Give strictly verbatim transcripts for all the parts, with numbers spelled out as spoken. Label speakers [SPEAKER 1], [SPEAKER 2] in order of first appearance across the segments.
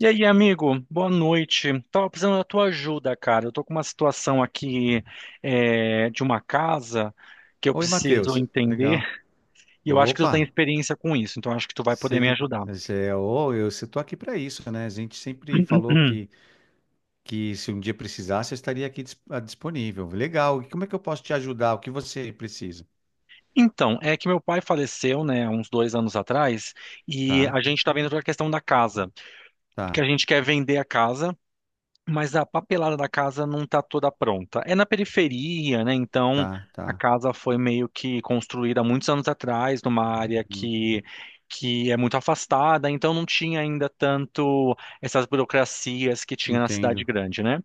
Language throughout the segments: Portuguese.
[SPEAKER 1] E aí, amigo, boa noite. Tava precisando da tua ajuda, cara. Eu tô com uma situação aqui é, de uma casa que eu
[SPEAKER 2] Oi,
[SPEAKER 1] preciso
[SPEAKER 2] Matheus.
[SPEAKER 1] entender
[SPEAKER 2] Legal.
[SPEAKER 1] e eu acho que tu tem
[SPEAKER 2] Opa,
[SPEAKER 1] experiência com isso, então acho que tu vai
[SPEAKER 2] se
[SPEAKER 1] poder me
[SPEAKER 2] ele.
[SPEAKER 1] ajudar.
[SPEAKER 2] Se é- ô, eu estou aqui para isso, né? A gente sempre falou que, que se um dia precisasse, eu estaria aqui dis- ah, disponível. Legal. E como é que eu posso te ajudar? O que você precisa?
[SPEAKER 1] Então, é que meu pai faleceu, né, uns dois anos atrás, e
[SPEAKER 2] Tá,
[SPEAKER 1] a gente tá vendo toda a questão da casa, porque
[SPEAKER 2] tá,
[SPEAKER 1] a gente quer vender a casa. Mas a papelada da casa não está toda pronta. É na periferia, né? Então
[SPEAKER 2] tá,
[SPEAKER 1] a
[SPEAKER 2] tá.
[SPEAKER 1] casa foi meio que construída há muitos anos atrás, numa área
[SPEAKER 2] Sim.
[SPEAKER 1] que, que é muito afastada, então não tinha ainda tanto essas burocracias que tinha na cidade
[SPEAKER 2] Entendo,
[SPEAKER 1] grande, né?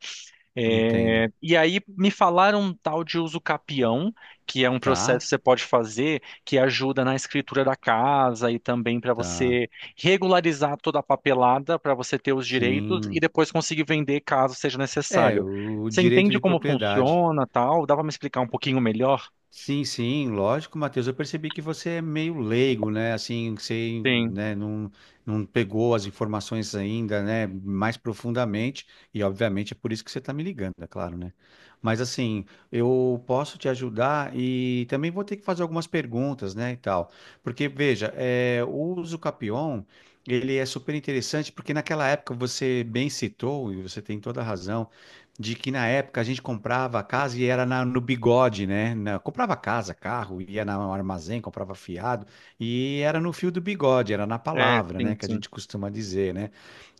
[SPEAKER 2] entendo.
[SPEAKER 1] É, e aí me falaram um tal de uso capião, que é um processo
[SPEAKER 2] Tá,
[SPEAKER 1] que você pode fazer que ajuda na escritura da casa e também para
[SPEAKER 2] tá.
[SPEAKER 1] você regularizar toda a papelada para você ter os direitos e
[SPEAKER 2] Sim.
[SPEAKER 1] depois conseguir vender caso seja
[SPEAKER 2] É,
[SPEAKER 1] necessário.
[SPEAKER 2] o o
[SPEAKER 1] Você
[SPEAKER 2] direito
[SPEAKER 1] entende
[SPEAKER 2] de
[SPEAKER 1] como
[SPEAKER 2] propriedade.
[SPEAKER 1] funciona, tal? Dá para me explicar um pouquinho melhor?
[SPEAKER 2] Sim, sim, lógico, Matheus. Eu percebi que você é meio leigo, né? Assim, você,
[SPEAKER 1] Sim,
[SPEAKER 2] né, não, não pegou as informações ainda, né, mais profundamente, e obviamente é por isso que você está me ligando, é claro, né? Mas assim, eu posso te ajudar e também vou ter que fazer algumas perguntas, né, e tal. Porque, veja, é, o Usucapion, ele é super interessante, porque naquela época você bem citou, e você tem toda a razão, de que na época a gente comprava casa e era na- no bigode, né? Na- comprava casa, carro, ia na- no armazém, comprava fiado e era no fio do bigode, era na
[SPEAKER 1] é,
[SPEAKER 2] palavra,
[SPEAKER 1] sim,
[SPEAKER 2] né? Que a
[SPEAKER 1] sim.
[SPEAKER 2] gente costuma dizer, né?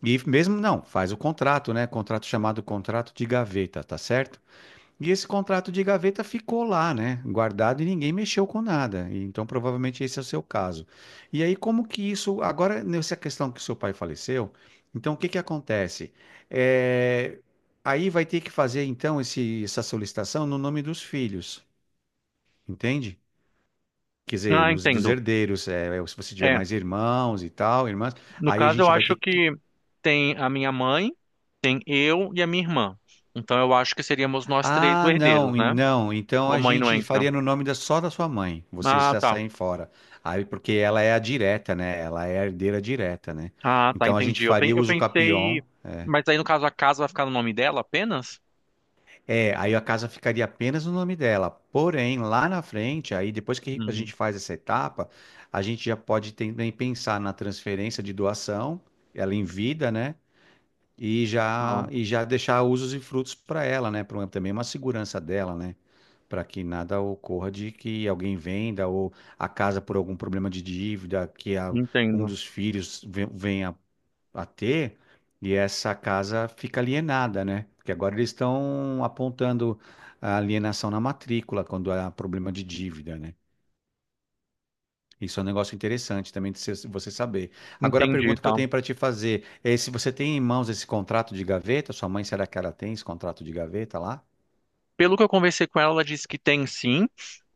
[SPEAKER 2] E mesmo não, faz o contrato, né? Contrato chamado contrato de gaveta, tá certo? E esse contrato de gaveta ficou lá, né? Guardado e ninguém mexeu com nada. E então, provavelmente esse é o seu caso. E aí, como que isso. Agora, nessa questão que seu pai faleceu, então o que que acontece? É, aí vai ter que fazer, então, esse... essa solicitação no nome dos filhos, entende? Quer dizer,
[SPEAKER 1] Ah,
[SPEAKER 2] nos... dos
[SPEAKER 1] entendo.
[SPEAKER 2] herdeiros, é, é, se você tiver
[SPEAKER 1] É,
[SPEAKER 2] mais irmãos e tal, irmãs,
[SPEAKER 1] no
[SPEAKER 2] aí a
[SPEAKER 1] caso eu
[SPEAKER 2] gente vai ter
[SPEAKER 1] acho
[SPEAKER 2] que...
[SPEAKER 1] que tem a minha mãe, tem eu e a minha irmã. Então eu acho que seríamos nós três
[SPEAKER 2] Ah,
[SPEAKER 1] os
[SPEAKER 2] não,
[SPEAKER 1] herdeiros,
[SPEAKER 2] en-
[SPEAKER 1] né?
[SPEAKER 2] não. Então
[SPEAKER 1] Ou a
[SPEAKER 2] a
[SPEAKER 1] mãe não
[SPEAKER 2] gente
[SPEAKER 1] entra.
[SPEAKER 2] faria no nome da, só da sua mãe. Vocês
[SPEAKER 1] Ah,
[SPEAKER 2] já
[SPEAKER 1] tá.
[SPEAKER 2] saem fora. Aí, porque ela é a direta, né? Ela é a herdeira direta, né?
[SPEAKER 1] Ah, tá,
[SPEAKER 2] Então a gente
[SPEAKER 1] entendi. Eu, pen-
[SPEAKER 2] faria
[SPEAKER 1] eu
[SPEAKER 2] uso
[SPEAKER 1] pensei.
[SPEAKER 2] capião.
[SPEAKER 1] Mas aí, no caso, a casa vai ficar no nome dela apenas?
[SPEAKER 2] É, aí a casa ficaria apenas no nome dela. Porém, lá na frente, aí depois que a
[SPEAKER 1] Hum,
[SPEAKER 2] gente faz essa etapa, a gente já pode também pensar na transferência de doação, ela em vida, né? e já
[SPEAKER 1] tá.
[SPEAKER 2] e já deixar usos e frutos para ela, né? Pra, também uma segurança dela, né? Para que nada ocorra de que alguém venda ou a casa por algum problema de dívida que a- um
[SPEAKER 1] Entendo.
[SPEAKER 2] dos filhos ve- venha a ter e essa casa fica alienada, né? Porque agora eles estão apontando a alienação na matrícula quando há problema de dívida, né? Isso é um negócio interessante também de você você saber. Agora, a
[SPEAKER 1] Entendi,
[SPEAKER 2] pergunta que eu
[SPEAKER 1] tá.
[SPEAKER 2] tenho para te fazer é se você tem em mãos esse contrato de gaveta, sua mãe, será que ela tem esse contrato de gaveta lá?
[SPEAKER 1] Pelo que eu conversei com ela, ela disse que tem sim.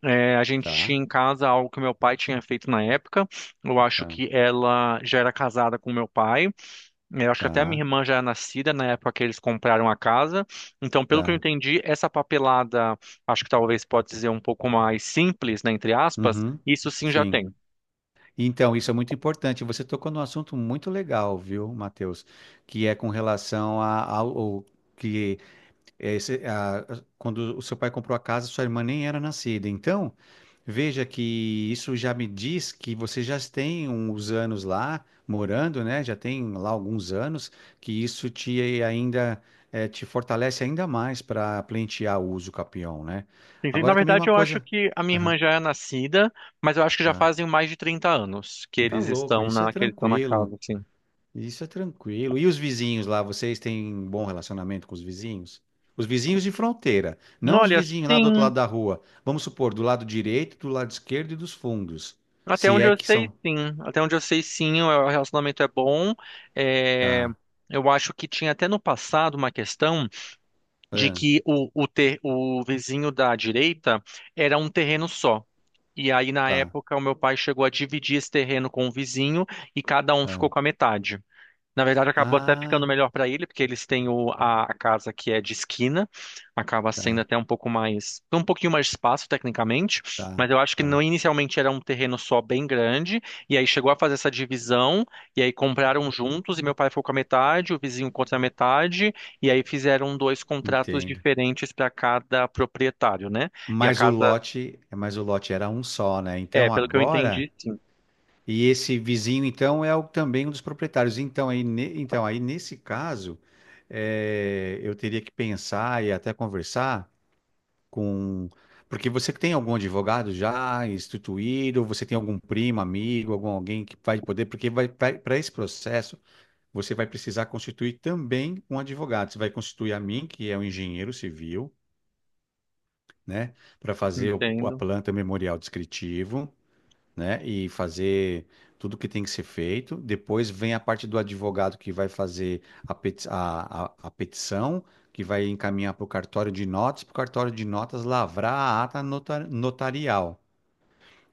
[SPEAKER 1] É, a gente
[SPEAKER 2] Tá,
[SPEAKER 1] tinha em casa algo que meu pai tinha feito na época. Eu acho
[SPEAKER 2] tá,
[SPEAKER 1] que ela já era casada com meu pai. É, Eu acho que até a minha
[SPEAKER 2] tá,
[SPEAKER 1] irmã já era nascida na época que eles compraram a casa. Então, pelo que eu
[SPEAKER 2] tá.
[SPEAKER 1] entendi, essa papelada, acho que talvez pode dizer um pouco mais simples, né, entre aspas,
[SPEAKER 2] Uhum,
[SPEAKER 1] isso sim já
[SPEAKER 2] sim.
[SPEAKER 1] tem.
[SPEAKER 2] Então, isso é muito importante. Você tocou num assunto muito legal, viu, Matheus? Que é com relação a- ao, ao- que É, esse- é a- quando o seu pai comprou a casa, sua irmã nem era nascida. Então, veja que isso já me diz que você já tem uns anos lá morando, né? Já tem lá alguns anos, que isso te ainda eh, te fortalece ainda mais para pleitear o uso capião, né?
[SPEAKER 1] Entendi. Na
[SPEAKER 2] Agora também uma
[SPEAKER 1] verdade, eu acho
[SPEAKER 2] coisa.
[SPEAKER 1] que a minha
[SPEAKER 2] Aham,
[SPEAKER 1] irmã já é nascida, mas eu acho que já
[SPEAKER 2] tá.
[SPEAKER 1] fazem mais de trinta anos que
[SPEAKER 2] Tá
[SPEAKER 1] eles
[SPEAKER 2] louco,
[SPEAKER 1] estão
[SPEAKER 2] isso é
[SPEAKER 1] na, que eles estão na
[SPEAKER 2] tranquilo.
[SPEAKER 1] casa, assim.
[SPEAKER 2] Isso é tranquilo. E os vizinhos lá, vocês têm bom relacionamento com os vizinhos? Os vizinhos de fronteira, não os
[SPEAKER 1] Olha,
[SPEAKER 2] vizinhos lá do outro
[SPEAKER 1] sim.
[SPEAKER 2] lado da rua. Vamos supor, do lado direito, do lado esquerdo e dos fundos.
[SPEAKER 1] Até
[SPEAKER 2] Se
[SPEAKER 1] onde
[SPEAKER 2] é
[SPEAKER 1] eu
[SPEAKER 2] que
[SPEAKER 1] sei,
[SPEAKER 2] são.
[SPEAKER 1] sim. Até onde eu sei, sim, o relacionamento é bom. É,
[SPEAKER 2] Tá,
[SPEAKER 1] Eu acho que tinha até no passado uma questão de
[SPEAKER 2] ah,
[SPEAKER 1] que o, o, ter, o vizinho da direita era um terreno só. E aí, na
[SPEAKER 2] tá,
[SPEAKER 1] época, o meu pai chegou a dividir esse terreno com o vizinho e cada um ficou
[SPEAKER 2] tá.
[SPEAKER 1] com a metade. Na verdade, acabou até ficando
[SPEAKER 2] Ah,
[SPEAKER 1] melhor para ele, porque eles têm o, a, a casa que é de esquina, acaba sendo
[SPEAKER 2] tá,
[SPEAKER 1] até um pouco mais, um pouquinho mais de espaço tecnicamente,
[SPEAKER 2] tá,
[SPEAKER 1] mas eu acho que
[SPEAKER 2] tá.
[SPEAKER 1] não inicialmente era um terreno só bem grande, e aí chegou a fazer essa divisão, e aí compraram juntos, e meu pai ficou com a metade, o vizinho contra a metade, e aí fizeram dois contratos
[SPEAKER 2] Entendo.
[SPEAKER 1] diferentes para cada proprietário, né? E a
[SPEAKER 2] Mas o
[SPEAKER 1] casa,
[SPEAKER 2] lote, mas o lote era um só, né?
[SPEAKER 1] é,
[SPEAKER 2] Então
[SPEAKER 1] pelo que eu
[SPEAKER 2] agora...
[SPEAKER 1] entendi, sim,
[SPEAKER 2] E esse vizinho, então, é o- também um dos proprietários. Então, aí, ne- então, aí nesse caso, eh, eu teria que pensar e até conversar com... Porque você tem algum advogado já instituído, você tem algum primo, amigo, algum alguém que vai poder, porque vai, para esse processo você vai precisar constituir também um advogado. Você vai constituir a mim, que é um engenheiro civil, né, para fazer o- a
[SPEAKER 1] entendo.
[SPEAKER 2] planta memorial descritivo, né? E fazer tudo que tem que ser feito. Depois vem a parte do advogado que vai fazer a, peti- a, a, a petição, que vai encaminhar para o cartório de notas, para o cartório de notas lavrar a ata nota- notarial.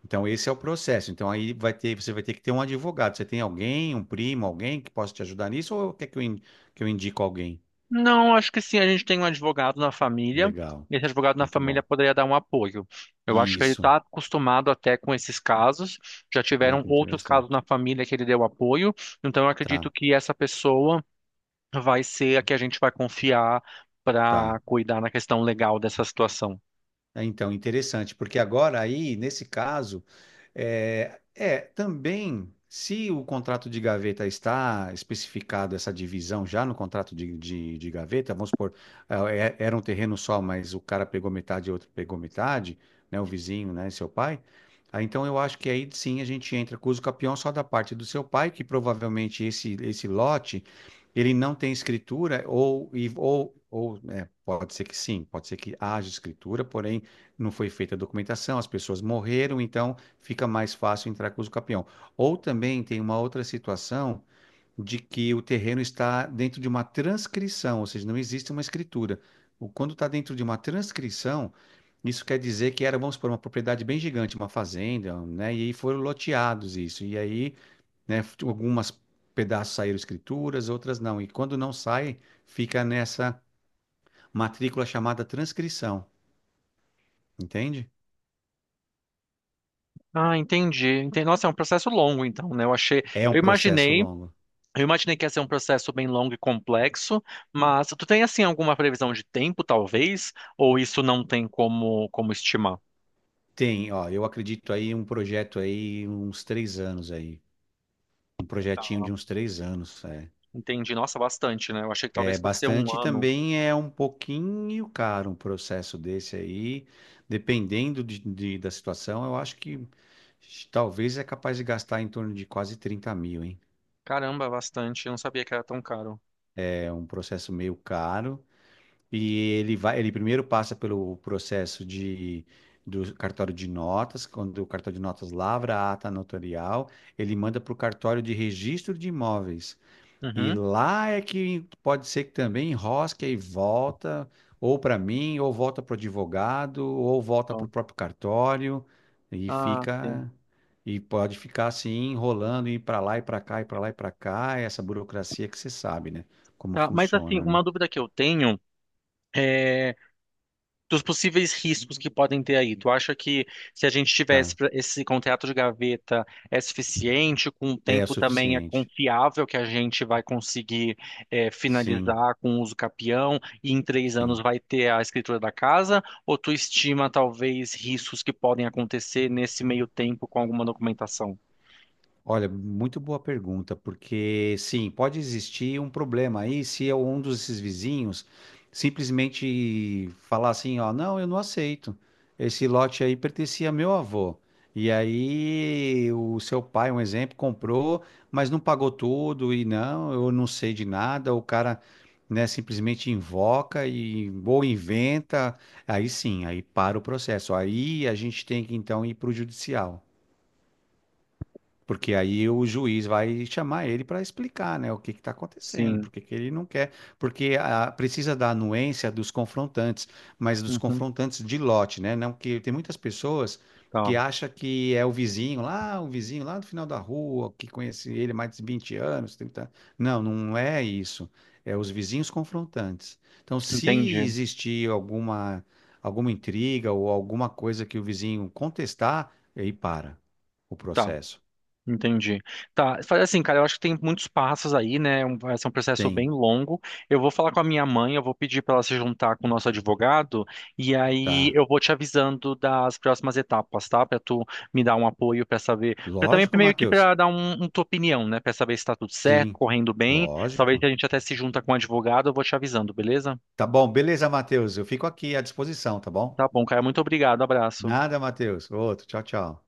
[SPEAKER 2] Então, esse é o processo. Então, aí vai ter, você vai ter que ter um advogado. Você tem alguém, um primo, alguém que possa te ajudar nisso, ou quer que eu, in- que eu indico alguém?
[SPEAKER 1] Não, acho que sim, a gente tem um advogado na família,
[SPEAKER 2] Legal.
[SPEAKER 1] e esse advogado na
[SPEAKER 2] Muito
[SPEAKER 1] família
[SPEAKER 2] bom.
[SPEAKER 1] poderia dar um apoio. Eu acho que ele
[SPEAKER 2] Isso.
[SPEAKER 1] está acostumado até com esses casos, já
[SPEAKER 2] Olha
[SPEAKER 1] tiveram
[SPEAKER 2] que
[SPEAKER 1] outros
[SPEAKER 2] interessante.
[SPEAKER 1] casos na família que ele deu apoio, então eu
[SPEAKER 2] Tá,
[SPEAKER 1] acredito que essa pessoa vai ser a que a gente vai confiar
[SPEAKER 2] tá.
[SPEAKER 1] para cuidar na questão legal dessa situação.
[SPEAKER 2] Ah, então, interessante, porque agora aí, nesse caso, é, é, também, se o contrato de gaveta está especificado essa divisão já no contrato de, de, de gaveta, vamos supor, ah, é- era um terreno só, mas o cara pegou metade e outro pegou metade, né, o vizinho, né, seu pai, ah, então eu acho que aí sim a gente entra com o uso capião só da parte do seu pai, que provavelmente esse, esse lote, ele não tem escritura, ou, e- ou, ou né, pode ser que sim, pode ser que haja escritura, porém não foi feita a documentação, as pessoas morreram, então fica mais fácil entrar com o campeão. Ou também tem uma outra situação de que o terreno está dentro de uma transcrição, ou seja, não existe uma escritura. O- Quando está dentro de uma transcrição, isso quer dizer que era, vamos supor, uma propriedade bem gigante, uma fazenda, né? E aí foram loteados isso. E aí, né, f- algumas pedaços saíram escrituras, outras não. E quando não sai, fica nessa matrícula chamada transcrição, entende?
[SPEAKER 1] Ah, entendi. Entendi. Nossa, é um processo longo, então, né? Eu achei,
[SPEAKER 2] É um
[SPEAKER 1] eu
[SPEAKER 2] processo
[SPEAKER 1] imaginei
[SPEAKER 2] longo.
[SPEAKER 1] Eu imaginei que ia ser um processo bem longo e complexo, mas tu tem assim alguma previsão de tempo, talvez, ou isso não tem como como estimar?
[SPEAKER 2] Tem, ó, eu acredito aí em um projeto aí, uns três anos aí. Um projetinho
[SPEAKER 1] Tá.
[SPEAKER 2] de uns três anos. É,
[SPEAKER 1] Entendi. Nossa, bastante, né? Eu achei que
[SPEAKER 2] é
[SPEAKER 1] talvez fosse ser um
[SPEAKER 2] bastante e
[SPEAKER 1] ano.
[SPEAKER 2] também é um pouquinho caro um processo desse aí. Dependendo de, de- da situação, eu acho que talvez é capaz de gastar em torno de quase trinta mil, hein?
[SPEAKER 1] Caramba, bastante. Eu não sabia que era tão caro.
[SPEAKER 2] É um processo meio caro. E ele vai, ele primeiro passa pelo processo de do cartório de notas, quando o cartório de notas lavra a ata notarial, ele manda para o cartório de registro de imóveis. E
[SPEAKER 1] Uhum.
[SPEAKER 2] lá é que pode ser que também enrosque e volta, ou para mim, ou volta para o advogado, ou volta para o
[SPEAKER 1] Bom.
[SPEAKER 2] próprio cartório, e
[SPEAKER 1] Ah, sim.
[SPEAKER 2] fica, e pode ficar assim, enrolando, ir para lá e para cá, e para lá e para cá. É essa burocracia que você sabe, né? Como
[SPEAKER 1] Tá, mas assim,
[SPEAKER 2] funciona, né?
[SPEAKER 1] uma dúvida que eu tenho é dos possíveis riscos que podem ter aí. Tu acha que se a gente tivesse
[SPEAKER 2] Tá.
[SPEAKER 1] pra- esse contrato de gaveta é suficiente, com o
[SPEAKER 2] É
[SPEAKER 1] tempo também é
[SPEAKER 2] suficiente.
[SPEAKER 1] confiável que a gente vai conseguir é,
[SPEAKER 2] Sim,
[SPEAKER 1] finalizar com o uso capião e em três anos
[SPEAKER 2] sim.
[SPEAKER 1] vai ter a escritura da casa? Ou tu estima talvez riscos que podem acontecer nesse meio tempo com alguma documentação?
[SPEAKER 2] Olha, muito boa pergunta, porque sim, pode existir um problema aí se é um desses vizinhos simplesmente falar assim, ó, não, eu não aceito. Esse lote aí pertencia a meu avô. E aí o seu pai, um exemplo, comprou, mas não pagou tudo e não, eu não sei de nada. O cara, né, simplesmente invoca e ou inventa. Aí sim, aí para o processo. Aí a gente tem que então ir para o judicial. Porque aí o juiz vai chamar ele para explicar, né, o que está acontecendo,
[SPEAKER 1] Sim.
[SPEAKER 2] porque que que ele não quer, porque ah, precisa da anuência dos confrontantes, mas dos
[SPEAKER 1] Uhum.
[SPEAKER 2] confrontantes de lote, né? Não que tem muitas pessoas
[SPEAKER 1] Tá.
[SPEAKER 2] que acham que é o vizinho lá, o vizinho lá do final da rua, que conhece ele há mais de vinte anos, 30 anos. Não, não é isso. É os vizinhos confrontantes. Então,
[SPEAKER 1] Entendi.
[SPEAKER 2] se existir alguma alguma intriga ou alguma coisa que o vizinho contestar, aí para o
[SPEAKER 1] Tá.
[SPEAKER 2] processo.
[SPEAKER 1] Entendi. Tá, faz assim, cara, eu acho que tem muitos passos aí, né? é Um- Vai ser um processo
[SPEAKER 2] Tem,
[SPEAKER 1] bem longo. Eu vou falar com a minha mãe, eu vou pedir para ela se juntar com o nosso advogado, e aí
[SPEAKER 2] tá.
[SPEAKER 1] eu vou te avisando das próximas etapas, tá? Para tu me dar um apoio, para saber. Pra também
[SPEAKER 2] Lógico,
[SPEAKER 1] meio que
[SPEAKER 2] Matheus.
[SPEAKER 1] para dar um, um tua opinião, né? Para saber se tá tudo certo,
[SPEAKER 2] Sim,
[SPEAKER 1] correndo bem. Talvez
[SPEAKER 2] lógico.
[SPEAKER 1] a gente até se junta com o advogado, eu vou te avisando, beleza?
[SPEAKER 2] Tá bom, beleza, Matheus. Eu fico aqui à disposição, tá bom?
[SPEAKER 1] Tá bom, cara, muito obrigado, abraço.
[SPEAKER 2] Nada, Matheus. Outro, tchau, tchau.